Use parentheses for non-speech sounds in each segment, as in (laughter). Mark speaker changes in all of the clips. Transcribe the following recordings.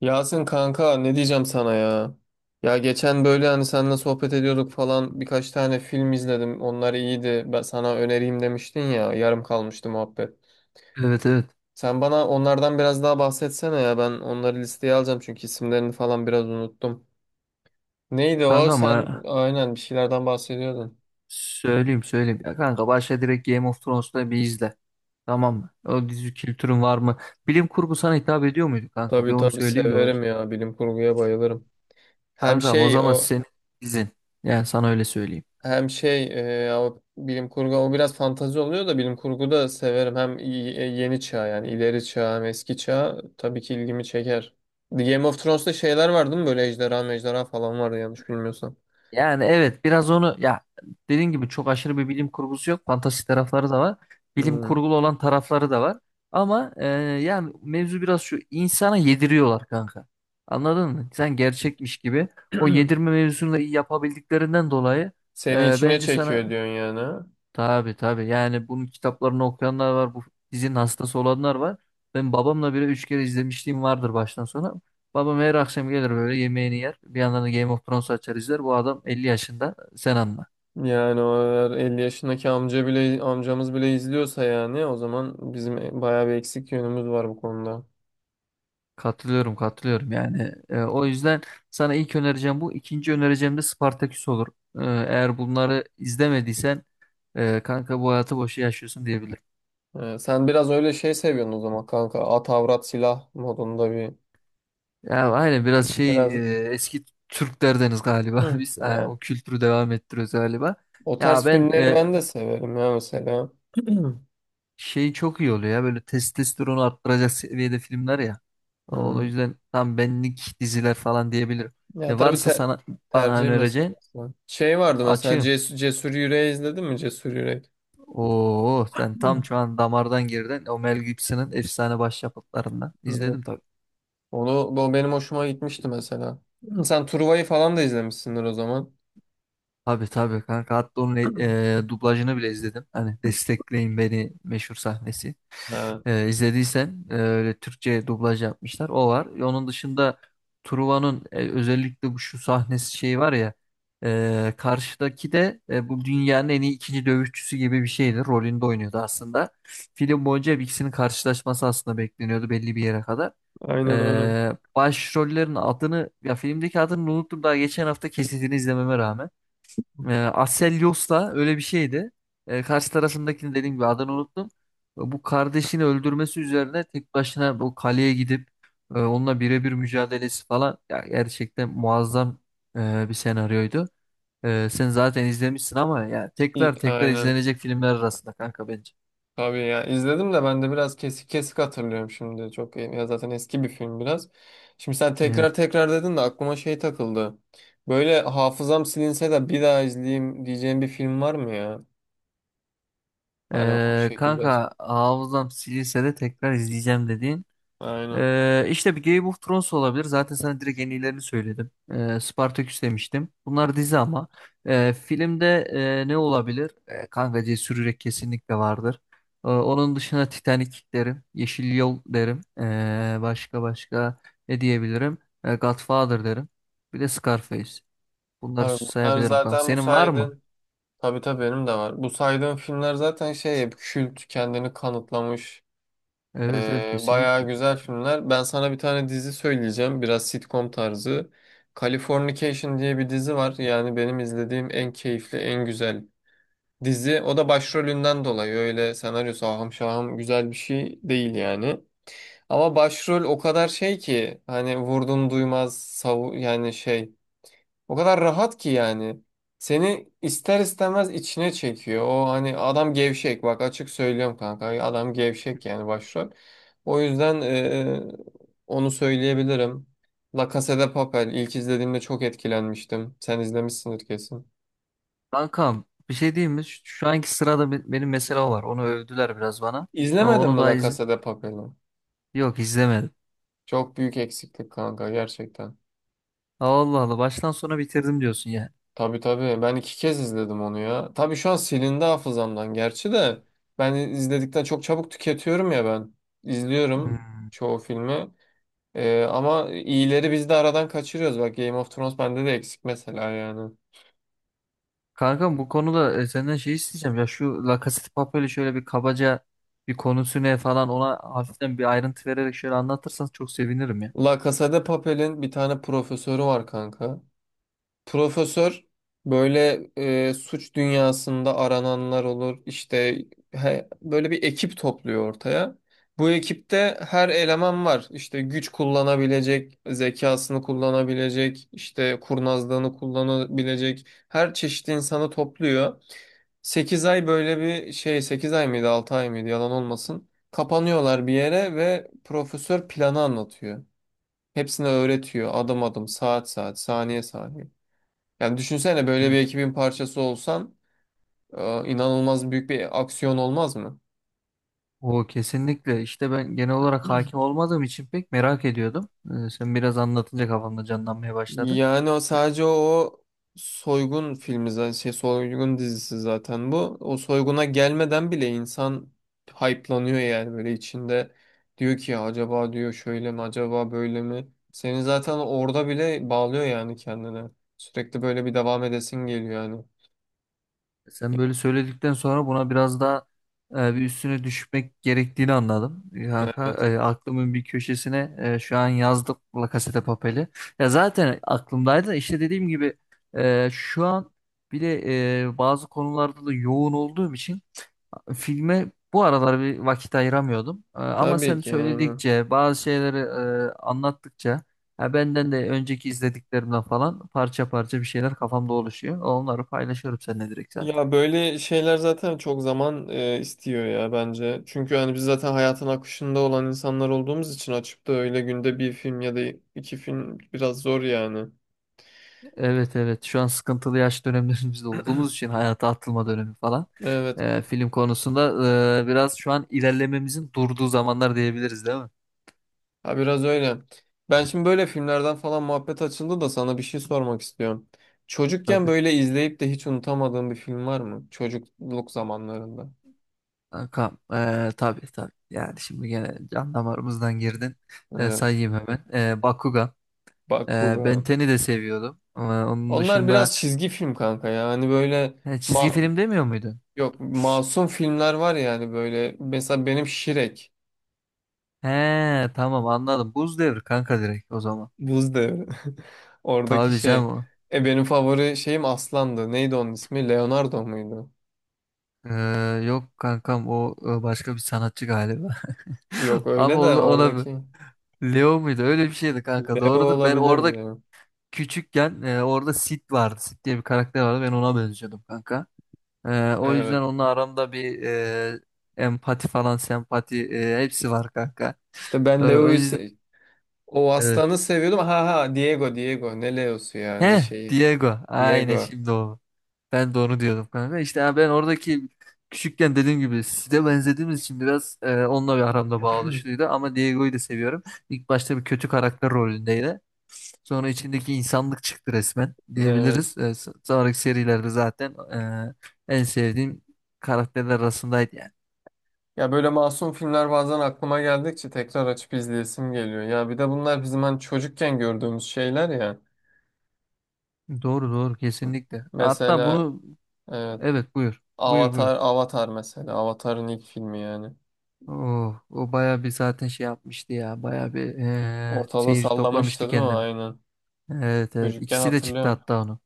Speaker 1: Yasin kanka, ne diyeceğim sana ya? Ya geçen böyle hani seninle sohbet ediyorduk falan, birkaç tane film izledim. Onlar iyiydi. Ben sana önereyim demiştin ya. Yarım kalmıştı muhabbet.
Speaker 2: Evet evet.
Speaker 1: Sen bana onlardan biraz daha bahsetsene ya. Ben onları listeye alacağım çünkü isimlerini falan biraz unuttum. Neydi o?
Speaker 2: Kanka
Speaker 1: Sen
Speaker 2: ama
Speaker 1: aynen bir şeylerden bahsediyordun.
Speaker 2: söyleyeyim söyleyeyim. Ya kanka başla direkt Game of Thrones'ta bir izle. Tamam mı? O dizi kültürün var mı? Bilim kurgu sana hitap ediyor muydu kanka? Bir
Speaker 1: Tabii
Speaker 2: onu
Speaker 1: tabii,
Speaker 2: söyleyeyim de
Speaker 1: severim
Speaker 2: başla.
Speaker 1: ya. Bilim kurguya bayılırım. Hem
Speaker 2: Kankam o
Speaker 1: şey
Speaker 2: zaman
Speaker 1: o
Speaker 2: senin dizin. Yani sana öyle söyleyeyim.
Speaker 1: Hem şey e, ama bilim kurgu o biraz fantazi oluyor da, bilim kurgu da severim. Hem yeni çağ, yani ileri çağ, hem eski çağ tabii ki ilgimi çeker. The Game of Thrones'ta şeyler vardı mı böyle, ejderha mejderha falan vardı yanlış bilmiyorsam.
Speaker 2: Yani evet biraz onu ya dediğin gibi çok aşırı bir bilim kurgusu yok. Fantastik tarafları da var. Bilim
Speaker 1: Hmm.
Speaker 2: kurgulu olan tarafları da var. Ama yani mevzu biraz şu insana yediriyorlar kanka. Anladın mı? Sen gerçekmiş gibi. O yedirme
Speaker 1: (clears throat)
Speaker 2: mevzusunu da iyi yapabildiklerinden dolayı,
Speaker 1: Seni içine
Speaker 2: bence
Speaker 1: çekiyor
Speaker 2: sana.
Speaker 1: diyorsun yani, ha?
Speaker 2: Tabii tabii. Yani bunun kitaplarını okuyanlar var. Bu dizinin hastası olanlar var. Ben babamla bile 3 kere izlemişliğim vardır baştan sona. Babam her akşam gelir böyle yemeğini yer. Bir yandan da Game of Thrones açar izler. Bu adam 50 yaşında. Sen anla.
Speaker 1: Yani o eğer 50 yaşındaki amca bile, amcamız bile izliyorsa, yani o zaman bizim bayağı bir eksik yönümüz var bu konuda.
Speaker 2: Katılıyorum katılıyorum yani. O yüzden sana ilk önereceğim bu. İkinci önereceğim de Spartaküs olur. Eğer bunları izlemediysen, kanka bu hayatı boşa yaşıyorsun diyebilirim.
Speaker 1: Sen biraz öyle şey seviyorsun o zaman kanka. At avrat silah modunda bir
Speaker 2: Ya aynen biraz şey,
Speaker 1: biraz
Speaker 2: eski Türklerdeniz galiba (laughs)
Speaker 1: Hı.
Speaker 2: biz ha,
Speaker 1: Evet.
Speaker 2: o kültürü devam ettiriyoruz galiba.
Speaker 1: O
Speaker 2: Ya
Speaker 1: tarz
Speaker 2: ben,
Speaker 1: filmleri ben de severim ya mesela. (clears throat)
Speaker 2: şey çok iyi oluyor ya böyle testosteronu arttıracak seviyede filmler ya. O
Speaker 1: Hı.
Speaker 2: yüzden tam benlik diziler falan diyebilirim.
Speaker 1: Ya
Speaker 2: Ne
Speaker 1: tabii,
Speaker 2: varsa sana bana
Speaker 1: tercih
Speaker 2: önereceğin
Speaker 1: meselesi. Şey vardı mesela,
Speaker 2: açığım.
Speaker 1: Cesur, Cesur Yüreği izledin mi, Cesur Yürek?
Speaker 2: Oo, sen tam
Speaker 1: Hı.
Speaker 2: şu an damardan girdin. O Mel Gibson'ın efsane başyapıtlarından.
Speaker 1: Evet.
Speaker 2: İzledim tabii.
Speaker 1: Onu, o benim hoşuma gitmişti mesela. Sen Truva'yı falan da izlemişsindir o zaman.
Speaker 2: Tabii tabii kanka, hatta onun
Speaker 1: (clears throat)
Speaker 2: dublajını bile izledim. Hani destekleyin beni meşhur sahnesi.
Speaker 1: Evet.
Speaker 2: İzlediysen öyle Türkçe dublaj yapmışlar. O var. Onun dışında Truva'nın, özellikle bu şu sahnesi şey var ya, karşıdaki de bu dünyanın en iyi ikinci dövüşçüsü gibi bir şeydi. Rolünde oynuyordu aslında. Film boyunca hep ikisinin karşılaşması aslında bekleniyordu belli bir yere kadar.
Speaker 1: Aynen aynen.
Speaker 2: Başrollerin adını, ya filmdeki adını unuttum daha geçen hafta kesitini izlememe rağmen. Aselios da öyle bir şeydi. Karşı tarafındakini dediğim gibi adını unuttum. Bu kardeşini öldürmesi üzerine tek başına bu kaleye gidip, onunla birebir mücadelesi falan ya, gerçekten muazzam bir senaryoydu. Sen zaten izlemişsin ama ya tekrar tekrar
Speaker 1: Aynen.
Speaker 2: izlenecek filmler arasında kanka bence.
Speaker 1: Tabii ya, izledim de ben de biraz kesik kesik hatırlıyorum şimdi. Çok iyi. Ya zaten eski bir film biraz. Şimdi sen
Speaker 2: Evet.
Speaker 1: tekrar tekrar dedin de aklıma şey takıldı. Böyle hafızam silinse de bir daha izleyeyim diyeceğim bir film var mı ya? Hani o şekilde.
Speaker 2: Kanka, hafızam silinse de tekrar izleyeceğim dediğin,
Speaker 1: Aynen.
Speaker 2: İşte bir Game of Thrones olabilir. Zaten sana direkt en iyilerini söyledim. Spartaküs demiştim. Bunlar dizi ama. Filmde ne olabilir? Kanka, Cesur Yürek kesinlikle vardır. Onun dışında Titanic derim. Yeşil Yol derim. Başka başka ne diyebilirim? Godfather derim. Bir de Scarface. Bunları
Speaker 1: Tabii bunlar
Speaker 2: sayabilirim kanka.
Speaker 1: zaten, bu
Speaker 2: Senin var mı?
Speaker 1: saydığın. Tabii tabii, benim de var. Bu saydığım filmler zaten şey, hep kült, kendini kanıtlamış.
Speaker 2: Evet evet,
Speaker 1: Bayağı
Speaker 2: kesinlikle.
Speaker 1: güzel filmler. Ben sana bir tane dizi söyleyeceğim. Biraz sitcom tarzı. Californication diye bir dizi var. Yani benim izlediğim en keyifli, en güzel dizi. O da başrolünden dolayı. Öyle senaryosu ahım şahım güzel bir şey değil yani. Ama başrol o kadar şey ki, hani vurdum duymaz savu yani, şey, o kadar rahat ki yani. Seni ister istemez içine çekiyor. O hani, adam gevşek. Bak açık söylüyorum kanka. Adam gevşek yani, başrol. O yüzden onu söyleyebilirim. La Casa de Papel. İlk izlediğimde çok etkilenmiştim. Sen izlemişsindir kesin.
Speaker 2: Kankam bir şey diyeyim mi? Şu anki sırada benim mesela var. Onu övdüler biraz bana.
Speaker 1: İzlemedin
Speaker 2: Onu
Speaker 1: mi
Speaker 2: da
Speaker 1: La Casa de Papel'i?
Speaker 2: Yok, izlemedim.
Speaker 1: Çok büyük eksiklik kanka, gerçekten.
Speaker 2: Allah Allah, baştan sona bitirdim diyorsun yani.
Speaker 1: Tabii tabii, ben iki kez izledim onu ya. Tabii şu an silindi hafızamdan gerçi de, ben izledikten çok çabuk tüketiyorum ya ben. İzliyorum
Speaker 2: Hmm.
Speaker 1: çoğu filmi. Ama iyileri biz de aradan kaçırıyoruz. Bak, Game of Thrones bende de eksik mesela yani.
Speaker 2: Kankam, bu konuda senden şey isteyeceğim, ya şu La Casa de Papel'i şöyle bir kabaca, bir konusu ne falan, ona hafiften bir ayrıntı vererek şöyle anlatırsan çok sevinirim ya.
Speaker 1: La Casa de Papel'in bir tane profesörü var kanka. Profesör böyle, suç dünyasında arananlar olur. İşte böyle bir ekip topluyor ortaya. Bu ekipte her eleman var. İşte güç kullanabilecek, zekasını kullanabilecek, işte kurnazlığını kullanabilecek her çeşit insanı topluyor. 8 ay böyle bir şey, 8 ay mıydı 6 ay mıydı, yalan olmasın. Kapanıyorlar bir yere ve profesör planı anlatıyor. Hepsine öğretiyor adım adım, saat saat, saniye saniye. Yani düşünsene, böyle bir
Speaker 2: Hmm.
Speaker 1: ekibin parçası olsan, inanılmaz büyük bir aksiyon olmaz mı?
Speaker 2: O kesinlikle işte, ben genel olarak hakim olmadığım için pek merak ediyordum. Sen biraz anlatınca kafamda canlanmaya başladı.
Speaker 1: Yani o sadece o soygun dizisi zaten bu. O soyguna gelmeden bile insan hype'lanıyor yani, böyle içinde diyor ki, acaba diyor şöyle mi, acaba böyle mi? Seni zaten orada bile bağlıyor yani kendine. Sürekli böyle bir devam edesin geliyor yani.
Speaker 2: Sen böyle söyledikten sonra buna biraz daha bir üstüne düşmek gerektiğini anladım.
Speaker 1: Yani
Speaker 2: Kanka,
Speaker 1: evet.
Speaker 2: aklımın bir köşesine şu an yazdım La Casa de Papel'i. Ya zaten aklımdaydı da, işte dediğim gibi şu an bile bazı konularda da yoğun olduğum için filme bu aralar bir vakit ayıramıyordum. Ama
Speaker 1: Tabii
Speaker 2: sen
Speaker 1: ki yani.
Speaker 2: söyledikçe bazı şeyleri, anlattıkça ya, benden de önceki izlediklerimden falan parça parça bir şeyler kafamda oluşuyor. Onları paylaşıyorum seninle direkt zaten.
Speaker 1: Ya böyle şeyler zaten çok zaman istiyor ya bence. Çünkü hani biz zaten hayatın akışında olan insanlar olduğumuz için, açıp da öyle günde bir film ya da iki film biraz zor yani.
Speaker 2: Evet evet, şu an sıkıntılı yaş dönemlerimizde olduğumuz için, hayata atılma dönemi falan,
Speaker 1: Evet.
Speaker 2: film konusunda biraz şu an ilerlememizin durduğu zamanlar diyebiliriz değil mi?
Speaker 1: Ha, biraz öyle. Ben şimdi böyle filmlerden falan muhabbet açıldı da sana bir şey sormak istiyorum. Çocukken
Speaker 2: Tabii.
Speaker 1: böyle izleyip de hiç unutamadığın bir film var mı? Çocukluk zamanlarında.
Speaker 2: Kankam, tabii tabii. Yani şimdi gene can damarımızdan girdin.
Speaker 1: Evet.
Speaker 2: Sayayım hemen. Bakugan. E, Ben
Speaker 1: Bakugan.
Speaker 2: 10'i de seviyordum. Onun
Speaker 1: Onlar
Speaker 2: dışında,
Speaker 1: biraz çizgi film kanka ya. Hani böyle,
Speaker 2: çizgi
Speaker 1: Ma-
Speaker 2: film demiyor muydun?
Speaker 1: yok, masum filmler var yani, böyle mesela benim Şirek,
Speaker 2: He, tamam anladım. Buz Devri kanka, direkt o zaman.
Speaker 1: Buz Devri, (laughs) oradaki
Speaker 2: Tabii
Speaker 1: şey,
Speaker 2: canım.
Speaker 1: benim favori şeyim Aslan'dı, neydi onun ismi, Leonardo muydu,
Speaker 2: E, Yok kankam, o başka bir sanatçı galiba. (laughs)
Speaker 1: yok,
Speaker 2: Ama
Speaker 1: öyle de
Speaker 2: ona mı?
Speaker 1: oradaki
Speaker 2: Leo muydu? Öyle bir şeydi kanka.
Speaker 1: Leo
Speaker 2: Doğrudur. Ben orada
Speaker 1: olabilirdi ya.
Speaker 2: küçükken orada Sid vardı. Sid diye bir karakter vardı. Ben ona benziyordum kanka. O
Speaker 1: Evet,
Speaker 2: yüzden onunla aramda bir empati falan, sempati, hepsi var kanka.
Speaker 1: işte ben
Speaker 2: O
Speaker 1: Leo'yu
Speaker 2: yüzden
Speaker 1: se- o
Speaker 2: evet.
Speaker 1: Aslan'ı seviyordum, ha ha, Diego, Diego, ne Leo'su ya ne
Speaker 2: He,
Speaker 1: şeyi,
Speaker 2: Diego. Aynen
Speaker 1: Diego,
Speaker 2: şimdi o. Ben de onu diyordum kanka. İşte ha, ben oradaki küçükken dediğim gibi size benzediğimiz için biraz onunla bir aramda bağ. Ama Diego'yu da seviyorum. İlk başta bir kötü karakter rolündeydi. Sonra içindeki insanlık çıktı resmen
Speaker 1: evet.
Speaker 2: diyebiliriz. Sonraki serilerde zaten en sevdiğim karakterler arasındaydı yani.
Speaker 1: Ya böyle masum filmler bazen aklıma geldikçe tekrar açıp izleyesim geliyor ya, bir de bunlar bizim hani çocukken gördüğümüz şeyler ya.
Speaker 2: Doğru doğru, kesinlikle. Hatta
Speaker 1: Mesela,
Speaker 2: bunu.
Speaker 1: evet,
Speaker 2: Evet buyur. Buyur buyur.
Speaker 1: Avatar, Avatar mesela. Avatar'ın ilk filmi yani.
Speaker 2: Oh, o bayağı bir zaten şey yapmıştı ya. Bayağı bir
Speaker 1: Ortalığı
Speaker 2: seyirci
Speaker 1: sallamıştı
Speaker 2: toplamıştı
Speaker 1: değil mi?
Speaker 2: kendini.
Speaker 1: Aynen.
Speaker 2: Evet evet.
Speaker 1: Çocukken
Speaker 2: İkisi de çıktı
Speaker 1: hatırlıyorum.
Speaker 2: hatta onun.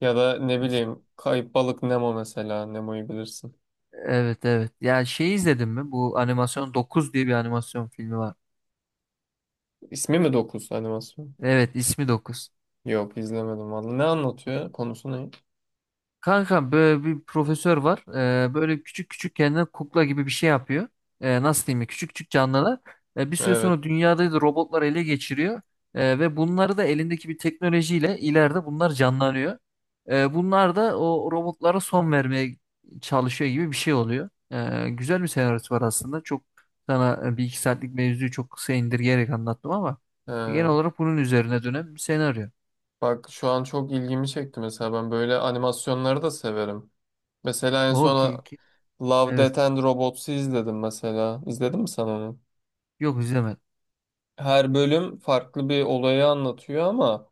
Speaker 1: Ya da ne
Speaker 2: İki-
Speaker 1: bileyim, Kayıp Balık Nemo mesela. Nemo'yu bilirsin.
Speaker 2: Evet evet. Ya şey, izledin mi? Bu animasyon 9 diye bir animasyon filmi var.
Speaker 1: İsmi mi 9 animasyon?
Speaker 2: Evet, ismi 9.
Speaker 1: Yok, izlemedim vallahi. Ne anlatıyor? Konusu ne?
Speaker 2: Kankam, böyle bir profesör var. Böyle küçük küçük kendine kukla gibi bir şey yapıyor. Nasıl diyeyim ya? Küçük küçük canlılar. Bir süre
Speaker 1: Evet.
Speaker 2: sonra dünyada da robotlar ele geçiriyor. Ve bunları da elindeki bir teknolojiyle ileride bunlar canlanıyor. Bunlar da o robotlara son vermeye çalışıyor gibi bir şey oluyor. Güzel bir senaryosu var aslında. Çok sana bir iki saatlik mevzuyu çok kısa indirgeyerek anlattım ama genel
Speaker 1: Ee,
Speaker 2: olarak bunun üzerine dönen bir senaryo.
Speaker 1: Bak şu an çok ilgimi çekti mesela. Ben böyle animasyonları da severim. Mesela en
Speaker 2: O
Speaker 1: son
Speaker 2: ki, ki-
Speaker 1: Love, Death
Speaker 2: evet.
Speaker 1: and Robots'u izledim mesela. İzledin mi sen onu?
Speaker 2: Yok, izlemedim.
Speaker 1: Her bölüm farklı bir olayı anlatıyor ama,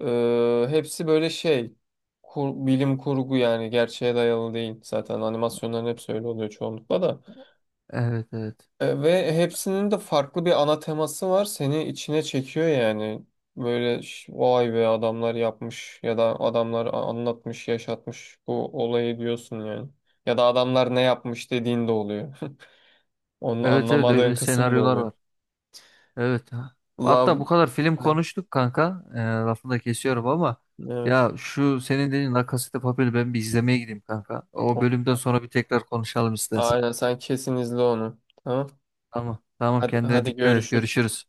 Speaker 1: Hepsi böyle şey, bilim kurgu yani, gerçeğe dayalı değil zaten, animasyonların hepsi öyle oluyor çoğunlukla da.
Speaker 2: Evet evet.
Speaker 1: E, ve hepsinin de farklı bir ana teması var, seni içine çekiyor yani, böyle vay be, adamlar yapmış, ya da adamlar anlatmış, yaşatmış bu olayı diyorsun yani, ya da adamlar ne yapmış dediğin de oluyor, (laughs) onu
Speaker 2: Evet evet,
Speaker 1: anlamadığın
Speaker 2: öyle
Speaker 1: kısım da
Speaker 2: senaryolar
Speaker 1: oluyor.
Speaker 2: var. Evet. Ha. Hatta
Speaker 1: Love
Speaker 2: bu kadar film
Speaker 1: Ha,
Speaker 2: konuştuk kanka. Lafını da kesiyorum ama
Speaker 1: evet,
Speaker 2: ya, şu senin dediğin La Casa de Papel'i ben bir izlemeye gideyim kanka. O bölümden sonra bir tekrar konuşalım istersen.
Speaker 1: aynen, sen kesin izle onu, tamam,
Speaker 2: Tamam. Tamam,
Speaker 1: hadi
Speaker 2: kendine
Speaker 1: hadi,
Speaker 2: dikkat et.
Speaker 1: görüşürüz.
Speaker 2: Görüşürüz.